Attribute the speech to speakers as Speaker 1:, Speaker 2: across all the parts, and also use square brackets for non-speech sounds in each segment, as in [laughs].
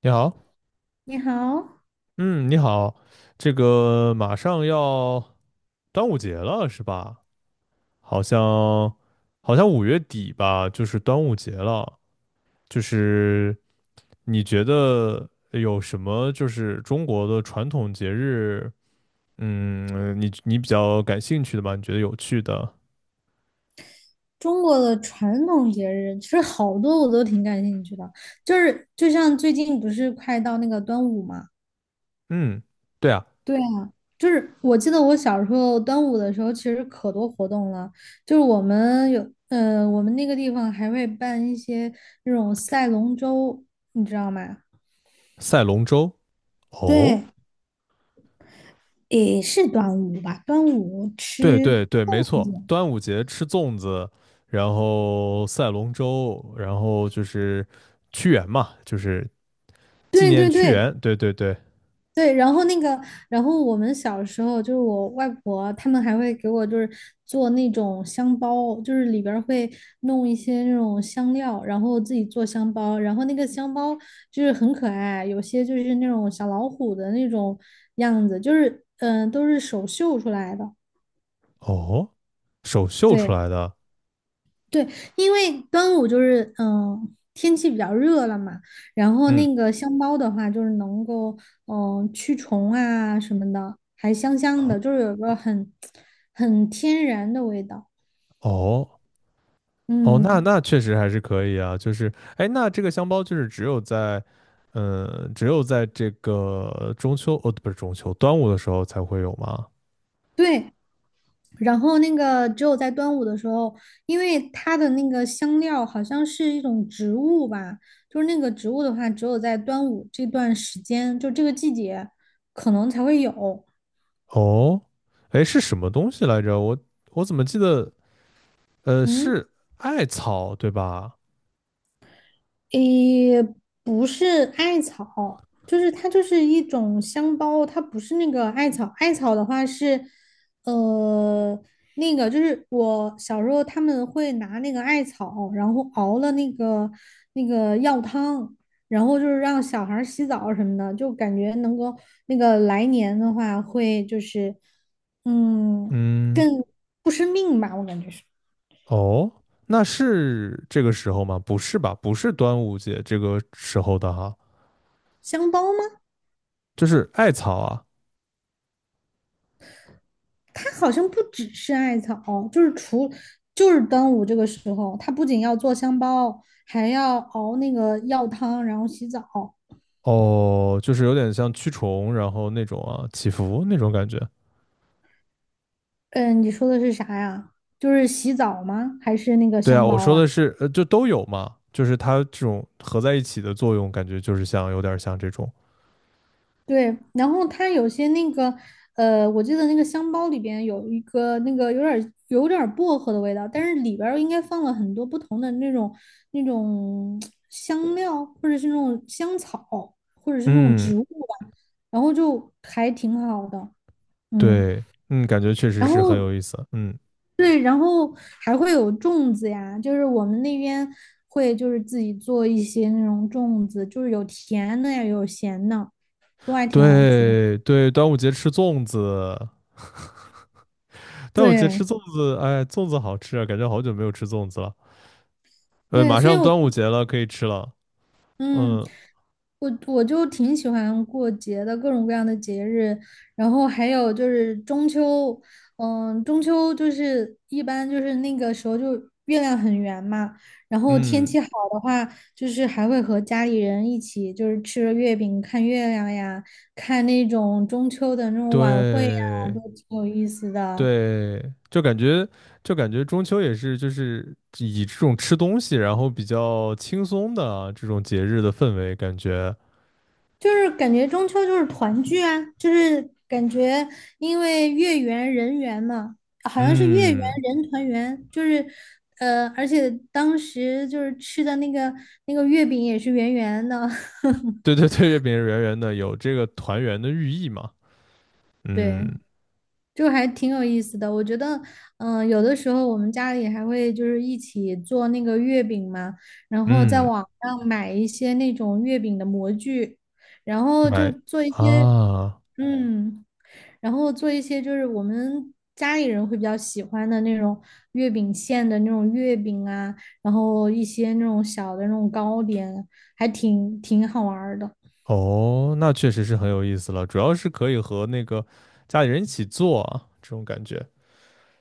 Speaker 1: 你好，
Speaker 2: 你好。
Speaker 1: 嗯，你好，这个马上要端午节了是吧？好像好像五月底吧，就是端午节了。就是你觉得有什么就是中国的传统节日，嗯，你比较感兴趣的吧？你觉得有趣的？
Speaker 2: 中国的传统节日其实好多我都挺感兴趣的，就是就像最近不是快到那个端午嘛。
Speaker 1: 嗯，对啊，
Speaker 2: 对啊，就是我记得我小时候端午的时候，其实可多活动了，就是我们有，我们那个地方还会办一些那种赛龙舟，你知道吗？
Speaker 1: 赛龙舟。
Speaker 2: 对，
Speaker 1: 哦，
Speaker 2: 也是端午吧，端午
Speaker 1: 对
Speaker 2: 吃
Speaker 1: 对对，没
Speaker 2: 粽
Speaker 1: 错，
Speaker 2: 子。
Speaker 1: 端午节吃粽子，然后赛龙舟，然后就是屈原嘛，就是纪
Speaker 2: 对
Speaker 1: 念
Speaker 2: 对
Speaker 1: 屈
Speaker 2: 对。
Speaker 1: 原。对对对，
Speaker 2: 对，然后那个，然后我们小时候就是我外婆他们还会给我就是做那种香包，就是里边儿会弄一些那种香料，然后自己做香包，然后那个香包就是很可爱，有些就是那种小老虎的那种样子，就是都是手绣出来的。
Speaker 1: 哦，手绣出
Speaker 2: 对。
Speaker 1: 来的，
Speaker 2: 对，因为端午就是天气比较热了嘛，然后
Speaker 1: 嗯，
Speaker 2: 那个香包的话就是能够驱虫啊什么的，还香香的，就是有个很天然的味道。
Speaker 1: 哦哦，那
Speaker 2: 嗯。
Speaker 1: 那确实还是可以啊。就是，哎，那这个香包就是只有在，嗯，只有在这个中秋，哦，不是中秋，端午的时候才会有吗？
Speaker 2: 对。然后那个只有在端午的时候，因为它的那个香料好像是一种植物吧，就是那个植物的话，只有在端午这段时间，就这个季节可能才会有。
Speaker 1: 哦，哎，是什么东西来着？我怎么记得？
Speaker 2: 嗯。
Speaker 1: 是艾草对吧？
Speaker 2: 诶，不是艾草，就是它就是一种香包，它不是那个艾草。艾草的话是，呃，那个就是我小时候他们会拿那个艾草，然后熬了那个药汤，然后就是让小孩儿洗澡什么的，就感觉能够那个来年的话会就是，嗯，
Speaker 1: 嗯，
Speaker 2: 更不生病吧，我感觉是。
Speaker 1: 哦，那是这个时候吗？不是吧？不是端午节这个时候的哈，
Speaker 2: 香包吗？
Speaker 1: 就是艾草啊。
Speaker 2: 它好像不只是艾草，就是除就是端午这个时候，它不仅要做香包，还要熬那个药汤，然后洗澡。
Speaker 1: 哦，就是有点像驱虫，然后那种啊，祈福那种感觉。
Speaker 2: 嗯，你说的是啥呀？就是洗澡吗？还是那个
Speaker 1: 对啊，
Speaker 2: 香
Speaker 1: 我
Speaker 2: 包
Speaker 1: 说
Speaker 2: 啊？
Speaker 1: 的是，就都有嘛，就是它这种合在一起的作用，感觉就是像有点像这种。
Speaker 2: 对，然后它有些那个，我记得那个香包里边有一个那个有点儿薄荷的味道，但是里边儿应该放了很多不同的那种那种香料，或者是那种香草，或者是那种
Speaker 1: 嗯，
Speaker 2: 植物吧，然后就还挺好的。嗯。
Speaker 1: 对，嗯，感觉确实
Speaker 2: 然
Speaker 1: 是很
Speaker 2: 后
Speaker 1: 有意思。嗯，
Speaker 2: 对，然后还会有粽子呀，就是我们那边会就是自己做一些那种粽子，就是有甜的呀，有咸的，都还挺好吃的。
Speaker 1: 对对，端午节吃粽子。端午节吃
Speaker 2: 对。
Speaker 1: 粽子，哎，粽子好吃啊，感觉好久没有吃粽子了。
Speaker 2: 对，
Speaker 1: 马
Speaker 2: 所以
Speaker 1: 上
Speaker 2: 我就
Speaker 1: 端午节了，可以吃了。
Speaker 2: 嗯，
Speaker 1: 嗯
Speaker 2: 我就挺喜欢过节的，各种各样的节日，然后还有就是中秋。嗯，中秋就是一般就是那个时候就月亮很圆嘛，然后天
Speaker 1: 嗯，
Speaker 2: 气好的话，就是还会和家里人一起就是吃着月饼看月亮呀，看那种中秋的那种晚会呀，
Speaker 1: 对
Speaker 2: 挺有意思的。
Speaker 1: 对，就感觉中秋也是就是以这种吃东西，然后比较轻松的啊这种节日的氛围，感觉
Speaker 2: 就是感觉中秋就是团聚啊，就是感觉因为月圆人圆嘛，好像是月圆
Speaker 1: 嗯，
Speaker 2: 人团圆，就是而且当时就是吃的那个月饼也是圆圆的。
Speaker 1: 对
Speaker 2: [laughs]
Speaker 1: 对对，月饼圆圆的，有这个团圆的寓意嘛。
Speaker 2: 对，
Speaker 1: 嗯
Speaker 2: 就还挺有意思的。我觉得，有的时候我们家里还会就是一起做那个月饼嘛，然后在
Speaker 1: 嗯，
Speaker 2: 网上买一些那种月饼的模具，然后就
Speaker 1: 买
Speaker 2: 做一些。
Speaker 1: 啊。
Speaker 2: 嗯。然后做一些就是我们家里人会比较喜欢的那种月饼馅的那种月饼啊，然后一些那种小的那种糕点，还挺好玩儿的。
Speaker 1: 哦，那确实是很有意思了，主要是可以和那个家里人一起做啊，这种感觉。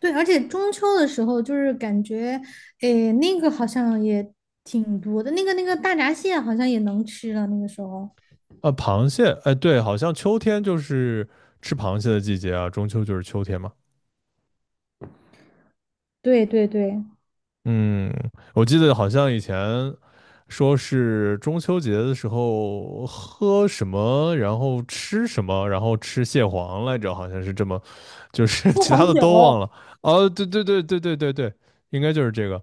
Speaker 2: 对，而且中秋的时候就是感觉，诶，那个好像也挺多的，那个大闸蟹好像也能吃了，那个时候。
Speaker 1: 啊。螃蟹，哎，对，好像秋天就是吃螃蟹的季节啊，中秋就是秋天嘛。
Speaker 2: 对对对。
Speaker 1: 嗯，我记得好像以前说是中秋节的时候喝什么，然后吃什么，然后吃蟹黄来着，好像是这么，就是 [laughs]
Speaker 2: 喝
Speaker 1: 其他
Speaker 2: 黄
Speaker 1: 的
Speaker 2: 酒。
Speaker 1: 都忘了。哦，对对对对对对对，应该就是这个。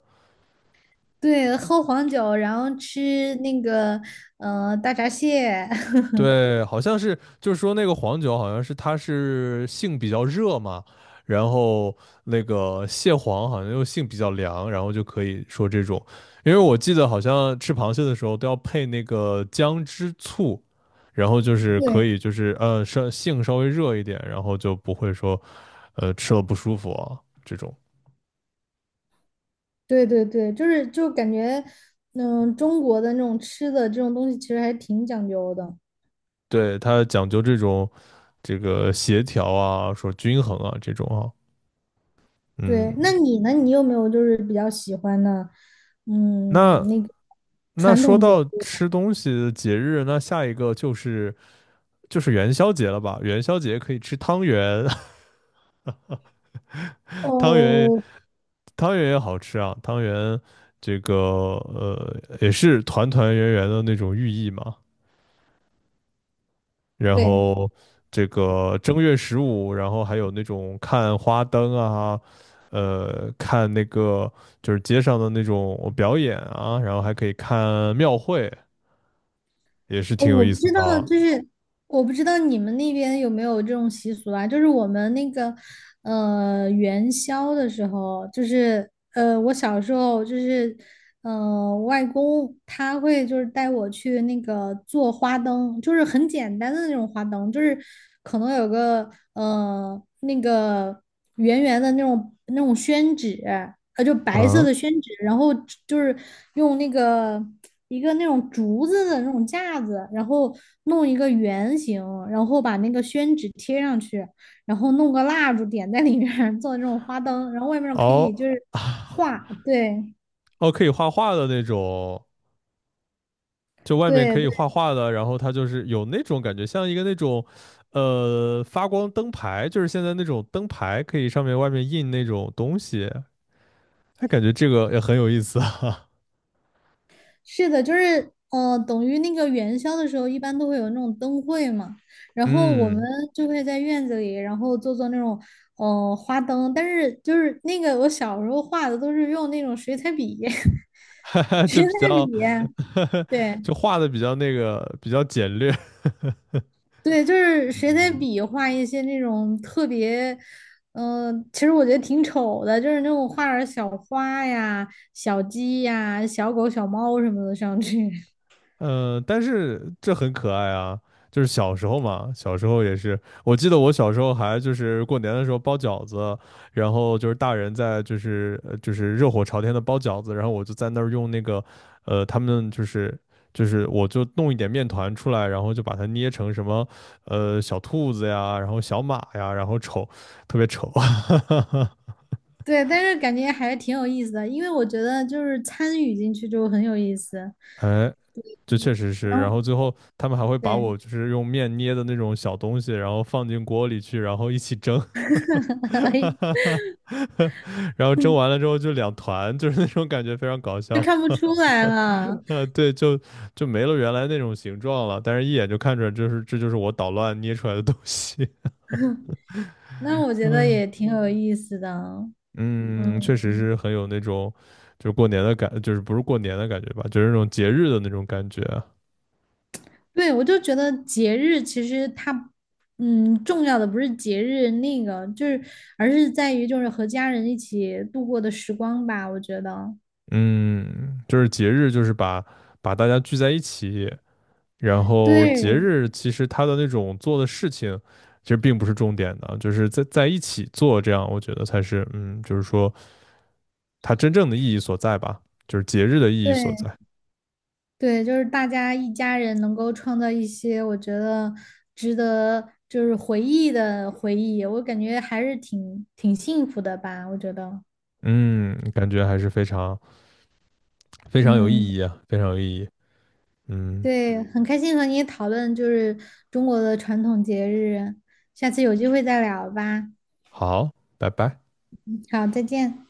Speaker 2: 对，喝黄酒，然后吃那个大闸蟹。[laughs]
Speaker 1: 对，好像是，就是说那个黄酒，好像是它是性比较热嘛，然后那个蟹黄好像又性比较凉，然后就可以说这种，因为我记得好像吃螃蟹的时候都要配那个姜汁醋，然后就是可
Speaker 2: 对。
Speaker 1: 以就是稍微热一点，然后就不会说吃了不舒服啊这种，
Speaker 2: 对对对，就是就感觉，嗯，中国的那种吃的这种东西其实还挺讲究的。
Speaker 1: 对，它讲究这个协调啊，说均衡啊这种啊，
Speaker 2: 对，那
Speaker 1: 嗯。
Speaker 2: 你呢？你有没有就是比较喜欢的，嗯，
Speaker 1: 那
Speaker 2: 那个
Speaker 1: 那
Speaker 2: 传
Speaker 1: 说
Speaker 2: 统节
Speaker 1: 到
Speaker 2: 日呀。
Speaker 1: 吃东西的节日，那下一个就是元宵节了吧？元宵节可以吃汤圆，[laughs] 汤圆
Speaker 2: 哦，
Speaker 1: 汤圆也好吃啊，汤圆这个也是团团圆圆的那种寓意嘛。然
Speaker 2: 对。
Speaker 1: 后这个正月十五，然后还有那种看花灯啊，看那个就是街上的那种表演啊，然后还可以看庙会，也是
Speaker 2: 哦，
Speaker 1: 挺有
Speaker 2: 我
Speaker 1: 意
Speaker 2: 不
Speaker 1: 思
Speaker 2: 知
Speaker 1: 的
Speaker 2: 道，
Speaker 1: 啊。
Speaker 2: 就是我不知道你们那边有没有这种习俗啊？就是我们那个元宵的时候，就是我小时候就是外公他会就是带我去那个做花灯，就是很简单的那种花灯，就是可能有个那个圆圆的那种那种宣纸，就白色
Speaker 1: 嗯，
Speaker 2: 的宣纸，然后就是用那个。一个那种竹子的那种架子，然后弄一个圆形，然后把那个宣纸贴上去，然后弄个蜡烛点在里面做那种花灯，然后外面可以就
Speaker 1: 哦
Speaker 2: 是画。对
Speaker 1: 哦，可以画画的那种，就外面
Speaker 2: 对
Speaker 1: 可以
Speaker 2: 对。
Speaker 1: 画画的，然后它就是有那种感觉，像一个那种，发光灯牌，就是现在那种灯牌，可以上面外面印那种东西，哎，感觉这个也很有意思啊。
Speaker 2: 是的，就是等于那个元宵的时候，一般都会有那种灯会嘛，
Speaker 1: [laughs]
Speaker 2: 然后我们
Speaker 1: 嗯，
Speaker 2: 就会在院子里，然后做做那种花灯，但是就是那个我小时候画的都是用那种水彩笔。
Speaker 1: [laughs] 哈
Speaker 2: [laughs]
Speaker 1: 哈，
Speaker 2: 水
Speaker 1: 就比
Speaker 2: 彩笔。
Speaker 1: 较，[laughs] 就
Speaker 2: 对。
Speaker 1: 画的比较那个，比较简略。[laughs]
Speaker 2: 对，就是谁在
Speaker 1: 嗯，
Speaker 2: 比画一些那种特别，其实我觉得挺丑的，就是那种画点儿小花呀、小鸡呀、小狗、小猫什么的上去。[laughs]
Speaker 1: 嗯，但是这很可爱啊，就是小时候嘛，小时候也是，我记得我小时候还就是过年的时候包饺子，然后就是大人在就是热火朝天的包饺子，然后我就在那儿用那个，他们就是我就弄一点面团出来，然后就把它捏成什么小兔子呀，然后小马呀，然后丑，特别丑，[laughs]
Speaker 2: 对，但是感觉还是挺有意思的，因为我觉得就是参与进去就很有意思。
Speaker 1: 哎，就确实是。
Speaker 2: 然
Speaker 1: 然
Speaker 2: 后
Speaker 1: 后最后他们还会把
Speaker 2: 对。
Speaker 1: 我就是用面捏的那种小东西，然后放进锅里去，然后一起蒸 [laughs]，
Speaker 2: [laughs] 哎，
Speaker 1: 然后蒸完了之后就两团，就是那种感觉非常搞
Speaker 2: 就
Speaker 1: 笑 [laughs]。
Speaker 2: 看不出来了。
Speaker 1: 对，就没了原来那种形状了，但是一眼就看出来，就是这就是我捣乱捏出来的东西。[laughs]
Speaker 2: 那我觉得
Speaker 1: 嗯
Speaker 2: 也挺有意思的。
Speaker 1: 嗯，确实
Speaker 2: 嗯。
Speaker 1: 是很有那种就是过年的感，就是不是过年的感觉吧，就是那种节日的那种感觉啊。
Speaker 2: 对，我就觉得节日其实它，嗯，重要的不是节日那个，就是而是在于就是和家人一起度过的时光吧。我觉得
Speaker 1: 嗯，就是节日，就是把大家聚在一起，然后节
Speaker 2: 对。
Speaker 1: 日其实它的那种做的事情，其实并不是重点的，就是在一起做，这样我觉得才是，嗯，就是说它真正的意义所在吧，就是节日的意
Speaker 2: 对
Speaker 1: 义所
Speaker 2: 对
Speaker 1: 在。
Speaker 2: 对，就是大家一家人能够创造一些我觉得值得就是回忆的回忆，我感觉还是挺幸福的吧。我觉得
Speaker 1: 嗯，感觉还是非常非常有
Speaker 2: 嗯。
Speaker 1: 意义啊，非常有意义。嗯，
Speaker 2: 对，嗯，很开心和你讨论就是中国的传统节日，下次有机会再聊吧。
Speaker 1: 好，拜拜。
Speaker 2: 好，再见。